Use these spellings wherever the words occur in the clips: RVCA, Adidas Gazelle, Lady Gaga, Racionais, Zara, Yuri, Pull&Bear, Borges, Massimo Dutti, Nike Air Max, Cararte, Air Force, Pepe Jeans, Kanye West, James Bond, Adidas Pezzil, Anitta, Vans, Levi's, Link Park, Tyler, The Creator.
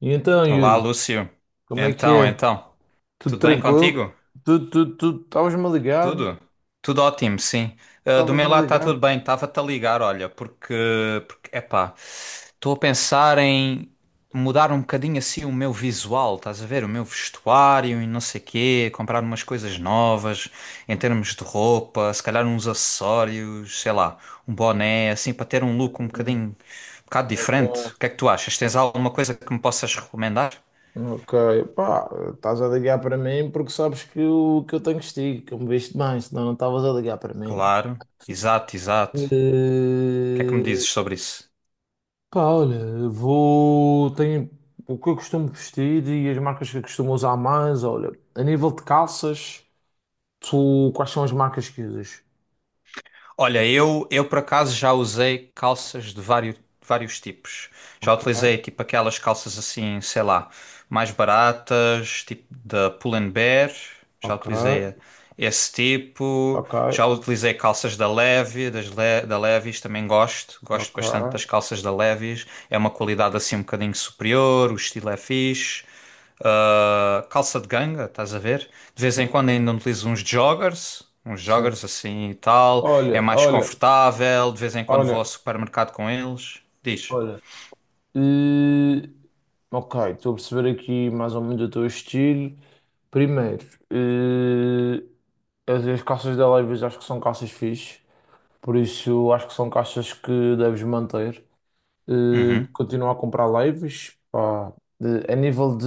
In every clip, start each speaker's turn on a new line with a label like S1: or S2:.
S1: E então,
S2: Olá,
S1: Yuri,
S2: Lúcio.
S1: como é que
S2: Então,
S1: é?
S2: então,
S1: Tudo
S2: tudo bem
S1: tranquilo?
S2: contigo?
S1: Tudo, tudo, tudo. Estavas-me a ligar?
S2: Tudo? Tudo ótimo, sim. Ah, do meu
S1: Estavas-me a
S2: lado está tudo
S1: ligar?
S2: bem. Estava-te a ligar, olha, porque epá, estou a pensar em mudar um bocadinho assim o meu visual, estás a ver? O meu vestuário e não sei quê, comprar umas coisas novas em termos de roupa, se calhar uns acessórios, sei lá, um boné, assim, para ter um look um
S1: Hum,
S2: bocadinho, um bocado
S1: ok,
S2: diferente. O que é que tu achas? Tens alguma coisa que me possas recomendar?
S1: ok. Pá, estás a ligar para mim porque sabes que eu tenho castigo, que eu me viste bem, senão não estavas a ligar para mim.
S2: Claro, exato, exato. O que é que me dizes
S1: Eh,
S2: sobre isso?
S1: Pá, olha, vou. Tenho o que eu costumo vestir e as marcas que eu costumo usar mais. Olha, a nível de calças, tu, quais são as marcas que usas?
S2: Olha, eu por acaso já usei calças de vários, vários tipos. Já
S1: Ok,
S2: utilizei tipo aquelas calças assim, sei lá, mais baratas, tipo da Pull&Bear. Já
S1: ok,
S2: utilizei esse tipo.
S1: ok,
S2: Já utilizei calças da Levi, da Levi's também gosto. Gosto
S1: ok.
S2: bastante das calças da Levi's. É uma qualidade assim um bocadinho superior, o estilo é fixe. Ah, calça de ganga, estás a ver? De vez em quando
S1: Sim.
S2: ainda utilizo uns
S1: Sim.
S2: joggers assim e tal. É
S1: Olha,
S2: mais
S1: olha,
S2: confortável. De vez em quando vou ao
S1: olha,
S2: supermercado com eles. Diz.
S1: olha. Eh, ok, estou a perceber aqui mais ou menos o teu estilo. Primeiro, eh, as calças da Levi's acho que são calças fixe, por isso acho que são calças que deves manter.
S2: Uhum,
S1: Continua a comprar Levi's, pá. De- a nível de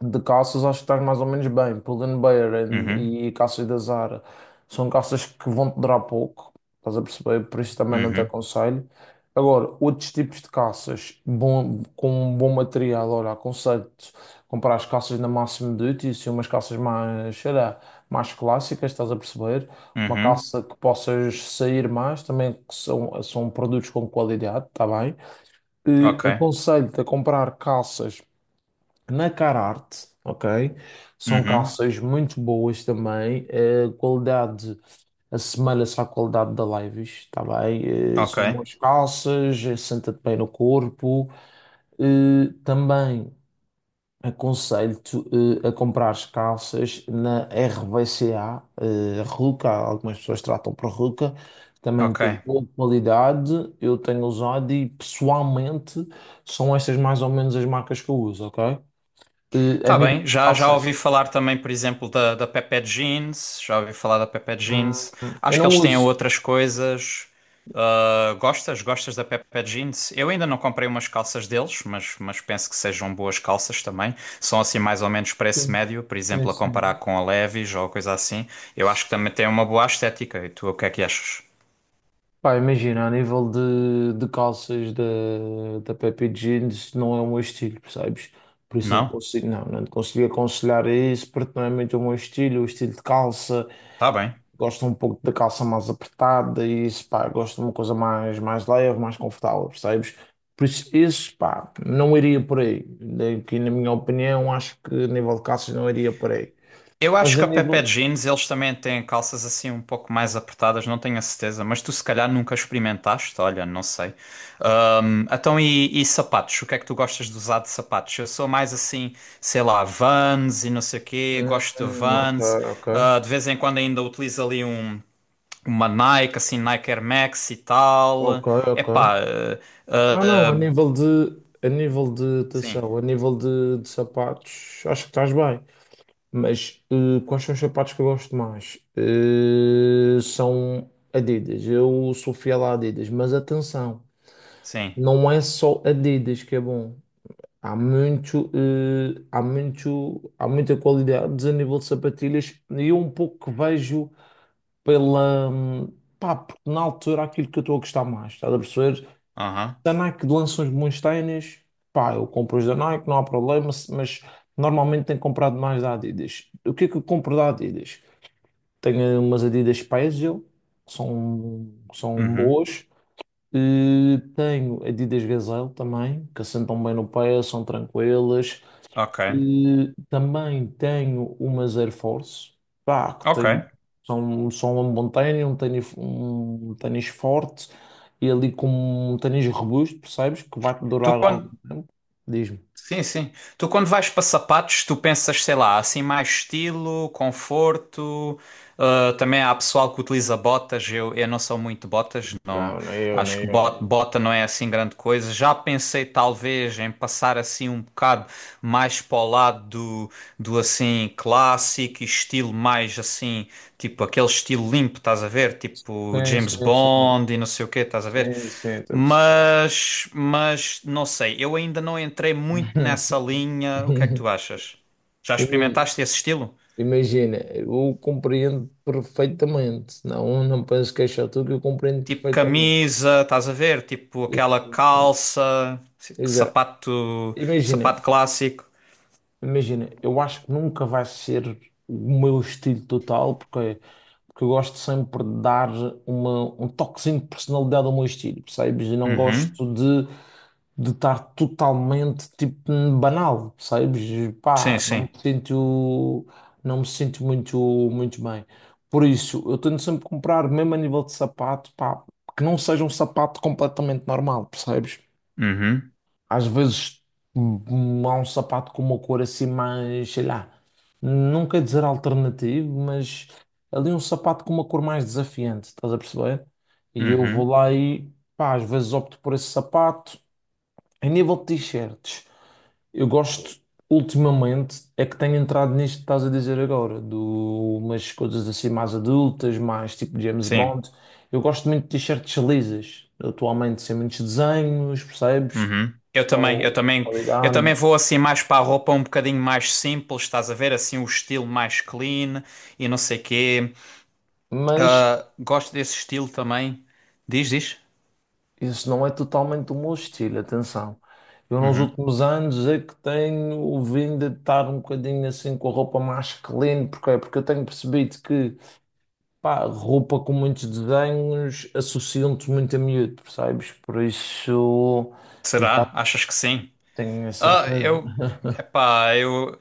S1: De calças acho que estás mais ou menos bem. Pull&Bear Bear
S2: uhum,
S1: e calças da Zara são calças que vão te durar pouco, estás a perceber? Por isso também não te
S2: uhum,
S1: aconselho. Agora, outros tipos de calças bom, com um bom material, olha, aconselho-te comprar as calças da Massimo Dutti, assim, umas calças mais, sei lá, mais clássicas, estás a perceber? Uma
S2: uhum,
S1: calça que possas sair mais, também que são produtos com qualidade, está bem? E
S2: ok,
S1: aconselho-te a comprar calças na Cararte, ok? São
S2: uhum,
S1: calças muito boas também. A qualidade assemelha-se à qualidade da Levi's, tá bem?
S2: ok,
S1: São boas calças. Senta-te bem no corpo. Também aconselho-te a comprar calças na R V RVCA, Ruca, algumas pessoas tratam por Ruca. Também
S2: ok.
S1: tem boa qualidade, eu tenho usado e pessoalmente são estas mais ou menos as marcas que eu uso, ok? A
S2: Tá
S1: nível
S2: bem,
S1: de
S2: já, já ouvi
S1: calças.
S2: falar também, por exemplo, da Pepe Jeans, já ouvi falar da Pepe Jeans.
S1: Hum, eu
S2: Acho que
S1: não
S2: eles têm
S1: uso.
S2: outras coisas. Ah, gostas? Gostas da Pepe Jeans? Eu ainda não comprei umas calças deles, mas penso que sejam boas calças também. São assim mais ou menos preço
S1: Sim,
S2: médio, por
S1: sim,
S2: exemplo, a comparar
S1: sim.
S2: com a Levi's ou coisa assim. Eu acho que também tem uma boa estética. E tu, o que é que achas?
S1: Pá, imagina, a nível de calças da Pepe Jeans não é o meu estilo, percebes? Por isso
S2: Não?
S1: não te consigo aconselhar isso, porque não é muito o meu estilo, o estilo de calça,
S2: Tá bem.
S1: gosto um pouco da calça mais apertada e isso, pá, gosto de uma coisa mais, mais leve, mais confortável, percebes? Por isso, pá, não iria por aí. Aqui, na minha opinião, acho que a nível de calças não iria por aí.
S2: Eu
S1: Mas
S2: acho
S1: a
S2: que a Pepe
S1: nível,
S2: Jeans eles também têm calças assim um pouco mais apertadas, não tenho a certeza, mas tu se calhar nunca experimentaste, olha, não sei. Então e sapatos? O que é que tu gostas de usar de sapatos? Eu sou mais assim, sei lá, Vans e não sei o quê, gosto de
S1: Ok,
S2: Vans.
S1: ok,
S2: Ah, de vez em quando ainda utilizo ali um, uma Nike, assim, Nike Air Max e tal.
S1: ok, ok.
S2: Epá, ah,
S1: Não, não,
S2: ah,
S1: a nível de
S2: sim,
S1: atenção, a nível de sapatos, acho que estás bem. Mas quais são os sapatos que eu gosto mais? São Adidas. Eu sou fiel a Adidas, mas atenção,
S2: sim,
S1: não é só Adidas que é bom. Há muito, eh, há muito, há muita qualidade a nível de sapatilhas, e eu um pouco que vejo pela. Pá, porque na altura aquilo que eu estou a gostar mais, estás a perceber?
S2: aham,
S1: Da Nike lança uns bons ténis, pá, eu compro os da Nike, não há problema, mas normalmente tenho comprado mais da Adidas. O que é que eu compro da Adidas? Tenho umas Adidas Pezzil, que são
S2: uhum,
S1: boas. E tenho Adidas Gazelle também, que assentam bem no pé, são tranquilas.
S2: ok,
S1: Também tenho umas Air Force, pá, que tem,
S2: ok.
S1: são um bom tênis, um tênis forte e ali com um tênis robusto, percebes? Que vai-te
S2: Tu
S1: durar algum
S2: quando
S1: tempo. Diz-me.
S2: sim, sim. Tu quando vais para sapatos, tu pensas, sei lá, assim mais estilo, conforto. Ah, também há pessoal que utiliza botas. Eu não sou muito de botas, não.
S1: Não, nem eu,
S2: Acho
S1: nem
S2: que
S1: eu, nem eu.
S2: bota não é assim grande coisa. Já pensei talvez em passar assim um bocado mais para o lado do assim clássico, e estilo mais assim. Tipo, aquele estilo limpo, estás a ver? Tipo,
S1: Sim,
S2: James
S1: sim, sim.
S2: Bond e não sei o quê, estás a ver?
S1: Sim, sim, estou a perceber.
S2: Não sei, eu ainda não entrei muito nessa linha. O que é que tu achas? Já
S1: Ima-
S2: experimentaste esse estilo?
S1: Imagina, eu compreendo perfeitamente. Não, não penso que é só tu que eu compreendo
S2: Tipo
S1: perfeitamente.
S2: camisa, estás a ver? Tipo
S1: Sim,
S2: aquela
S1: sim, sim.
S2: calça,
S1: Exato.
S2: sapato,
S1: Imagina.
S2: sapato clássico.
S1: Imagina, eu acho que nunca vai ser o meu estilo total, porque, porque eu gosto sempre de dar um toquezinho de personalidade ao meu estilo, percebes? E não
S2: Uhum.
S1: gosto de estar totalmente, tipo, banal, percebes? E,
S2: Sim,
S1: pá,
S2: sim.
S1: não me sinto muito, muito bem. Por isso, eu tento sempre comprar, mesmo a nível de sapato, pá, que não seja um sapato completamente normal, percebes?
S2: Uhum.
S1: Às vezes, há um sapato com uma cor assim mais, sei lá, não quer dizer alternativo, mas ali um sapato com uma cor mais desafiante, estás a perceber? E eu vou
S2: Uhum.
S1: lá e, pá, às vezes opto por esse sapato. Em nível de t-shirts, eu gosto, ultimamente, é que tenho entrado nisto que estás a dizer agora, de umas coisas assim mais adultas, mais tipo James
S2: Sim.
S1: Bond. Eu gosto muito de t-shirts lisas, atualmente sem muitos desenhos, percebes?
S2: Uhum.
S1: Ou
S2: Eu
S1: qualidade,
S2: também vou assim mais para a roupa um bocadinho mais simples, estás a ver? Assim o estilo mais clean e não sei quê.
S1: mas
S2: Ah, gosto desse estilo também. Diz, diz.
S1: isso não é totalmente o meu estilo, atenção. Eu nos
S2: Uhum.
S1: últimos anos é que tenho vindo a estar um bocadinho assim com a roupa mais clean, porque eu tenho percebido que pá, roupa com muitos desenhos associam-te muito a miúdo, percebes? Por isso já
S2: Será? Achas que sim?
S1: tenho a
S2: Ah,
S1: certeza.
S2: eu, epá, eu,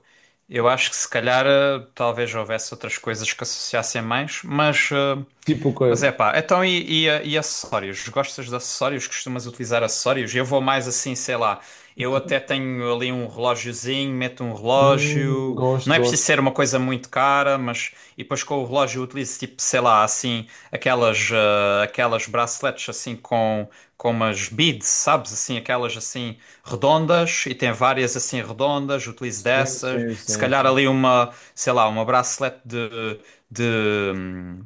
S2: eu acho que se calhar talvez houvesse outras coisas que associassem mais, mas ah.
S1: Tipo o quê?
S2: Mas é pá, então e acessórios? Gostas de acessórios? Costumas utilizar acessórios? Eu vou mais assim, sei lá, eu até tenho ali um relógiozinho, meto um relógio, não
S1: Gosto,
S2: é preciso
S1: gosto.
S2: ser uma coisa muito cara, mas. E depois com o relógio eu utilizo tipo, sei lá, assim, aquelas, aquelas braceletes assim com umas beads, sabes? Assim, aquelas assim redondas e tem várias assim redondas, utilizo
S1: Sim,
S2: dessas.
S1: sim,
S2: Se
S1: sim,
S2: calhar
S1: sim.
S2: ali uma, sei lá, uma bracelete de,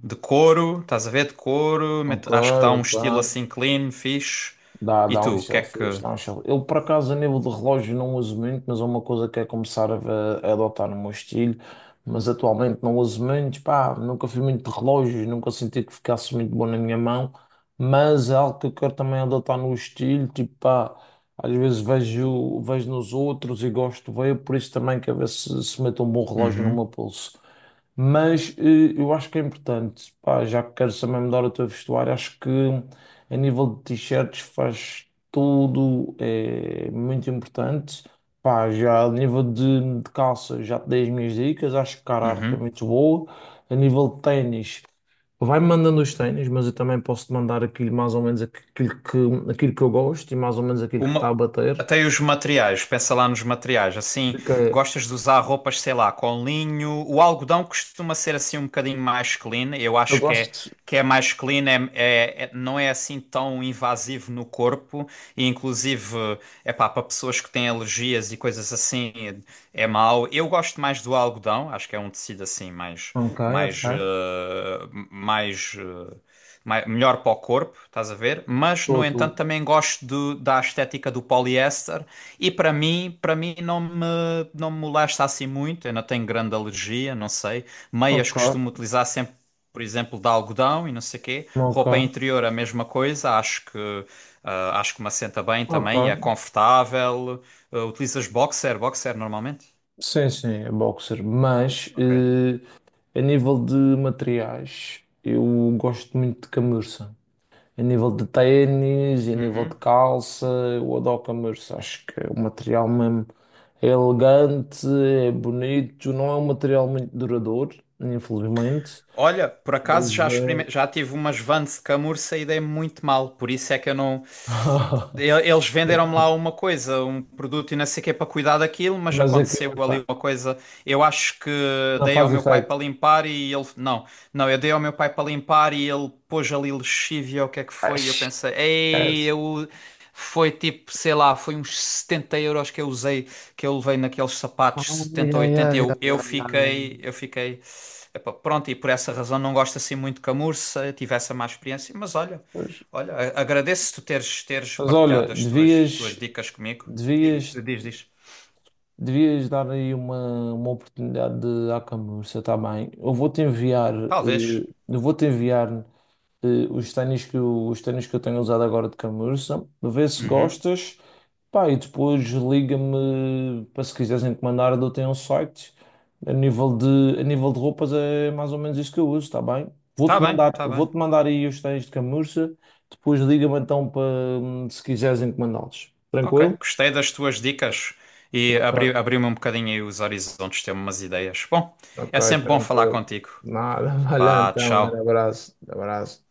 S2: de couro, estás a ver? De couro,
S1: Ok,
S2: meto- acho que dá um
S1: ok.
S2: estilo assim clean, fixe.
S1: Dá,
S2: E
S1: dá
S2: tu, o
S1: uns
S2: que é
S1: selfies,
S2: que.
S1: dá uns selfies. Eu, por acaso, a nível de relógio não uso muito, mas é uma coisa que é começar a, a adotar no meu estilo. Mas atualmente não uso muito, pá, nunca fui muito de relógios, nunca senti que ficasse muito bom na minha mão. Mas é algo que eu quero também adotar no estilo, tipo, pá, às vezes vejo nos outros e gosto de ver, por isso também quero ver se, meto um bom relógio no meu
S2: Uhum,
S1: pulso. Mas eu acho que é importante, pá, já que queres também mudar o teu vestuário, acho que a nível de t-shirts faz tudo, é muito importante. Pá, já a nível de calça, já te dei as minhas dicas, acho que cara, a arte é
S2: uhum.
S1: muito boa. A nível de ténis, vai-me mandando os ténis, mas eu também posso te mandar aquilo mais ou menos aquilo que eu gosto e mais ou menos aquilo que está
S2: Uma...
S1: a bater.
S2: Até os materiais, pensa lá nos materiais. Assim,
S1: Ok.
S2: gostas de usar roupas, sei lá, com linho. O algodão costuma ser assim um bocadinho mais clean. Eu
S1: Eu
S2: acho
S1: gosto.
S2: que é mais clean, não é assim tão invasivo no corpo. E inclusive, é pá, para pessoas que têm alergias e coisas assim, é mau. Eu gosto mais do algodão, acho que é um tecido assim
S1: Ok, ok.
S2: mais, eh, mais eh, melhor para o corpo, estás a ver? Mas,
S1: Estou,
S2: no
S1: estou.
S2: entanto, também gosto da estética do poliéster e para mim não me molesta assim muito, eu não tenho grande alergia, não sei. Meias
S1: Ok,
S2: costumo utilizar sempre, por exemplo, de algodão e não sei quê. Roupa
S1: ok,
S2: interior a mesma coisa, acho que acho que me assenta bem
S1: ok.
S2: também, é confortável. Ah, utilizas boxer normalmente?
S1: Sim, sim, é boxer. Mas
S2: Ok.
S1: a nível de materiais, eu gosto muito de camurça. A nível de ténis, e a nível de
S2: Uhum.
S1: calça, eu adoro camurça. Acho que é um material mesmo é elegante, é bonito. Não é um material muito duradouro, infelizmente.
S2: Olha, por acaso
S1: Mas
S2: já,
S1: é.
S2: já tive umas Vans de camurça e dei muito mal, por isso é que eu não, eles venderam-me lá uma coisa, um produto e não sei o que é para cuidar daquilo, mas
S1: Mas
S2: aconteceu
S1: aquilo,
S2: ali
S1: pá,
S2: uma coisa. Eu acho que
S1: não
S2: dei ao
S1: faz
S2: meu pai
S1: efeito.
S2: para limpar e ele. Não, não, eu dei ao meu pai para limpar e ele pôs ali lexívia, o que é que
S1: Ai,
S2: foi? E eu
S1: esquece.
S2: pensei, ei, eu. Foi tipo, sei lá, foi uns 70 euros que eu usei, que eu levei naqueles sapatos,
S1: Ai,
S2: setenta ou
S1: ai,
S2: oitenta
S1: ai, ai, ai,
S2: Eu
S1: ai.
S2: fiquei. Epá, pronto, e por essa razão não gosto assim muito de camurça, tive essa má experiência, mas olha.
S1: Pois.
S2: Olha, agradeço teres
S1: Mas olha,
S2: partilhado as tuas dicas comigo. Diga,
S1: Devias,
S2: diz, diz.
S1: devias, dar aí uma oportunidade de à camurça, está bem? Eu vou-te enviar,
S2: Talvez.
S1: eu vou-te enviar os ténis que eu tenho usado agora de camurça, vê se
S2: Uhum.
S1: gostas, pá, e depois liga-me para se quiseres encomendar, eu tenho um site. A nível de, a nível de roupas é mais ou menos isso que eu uso, está bem? Vou-te mandar,
S2: Tá bem.
S1: vou-te mandar aí os ténis de camurça, depois liga-me então para se quiseres encomendá-los.
S2: Ok,
S1: Tranquilo?
S2: gostei das tuas dicas e
S1: Ok.
S2: abriu-me um bocadinho aí os horizontes, ter umas ideias. Bom,
S1: Ok,
S2: é sempre bom falar
S1: tranquilo.
S2: contigo.
S1: Nada, vai lá
S2: Vá,
S1: então. Um grande
S2: tchau.
S1: abraço. Abraço.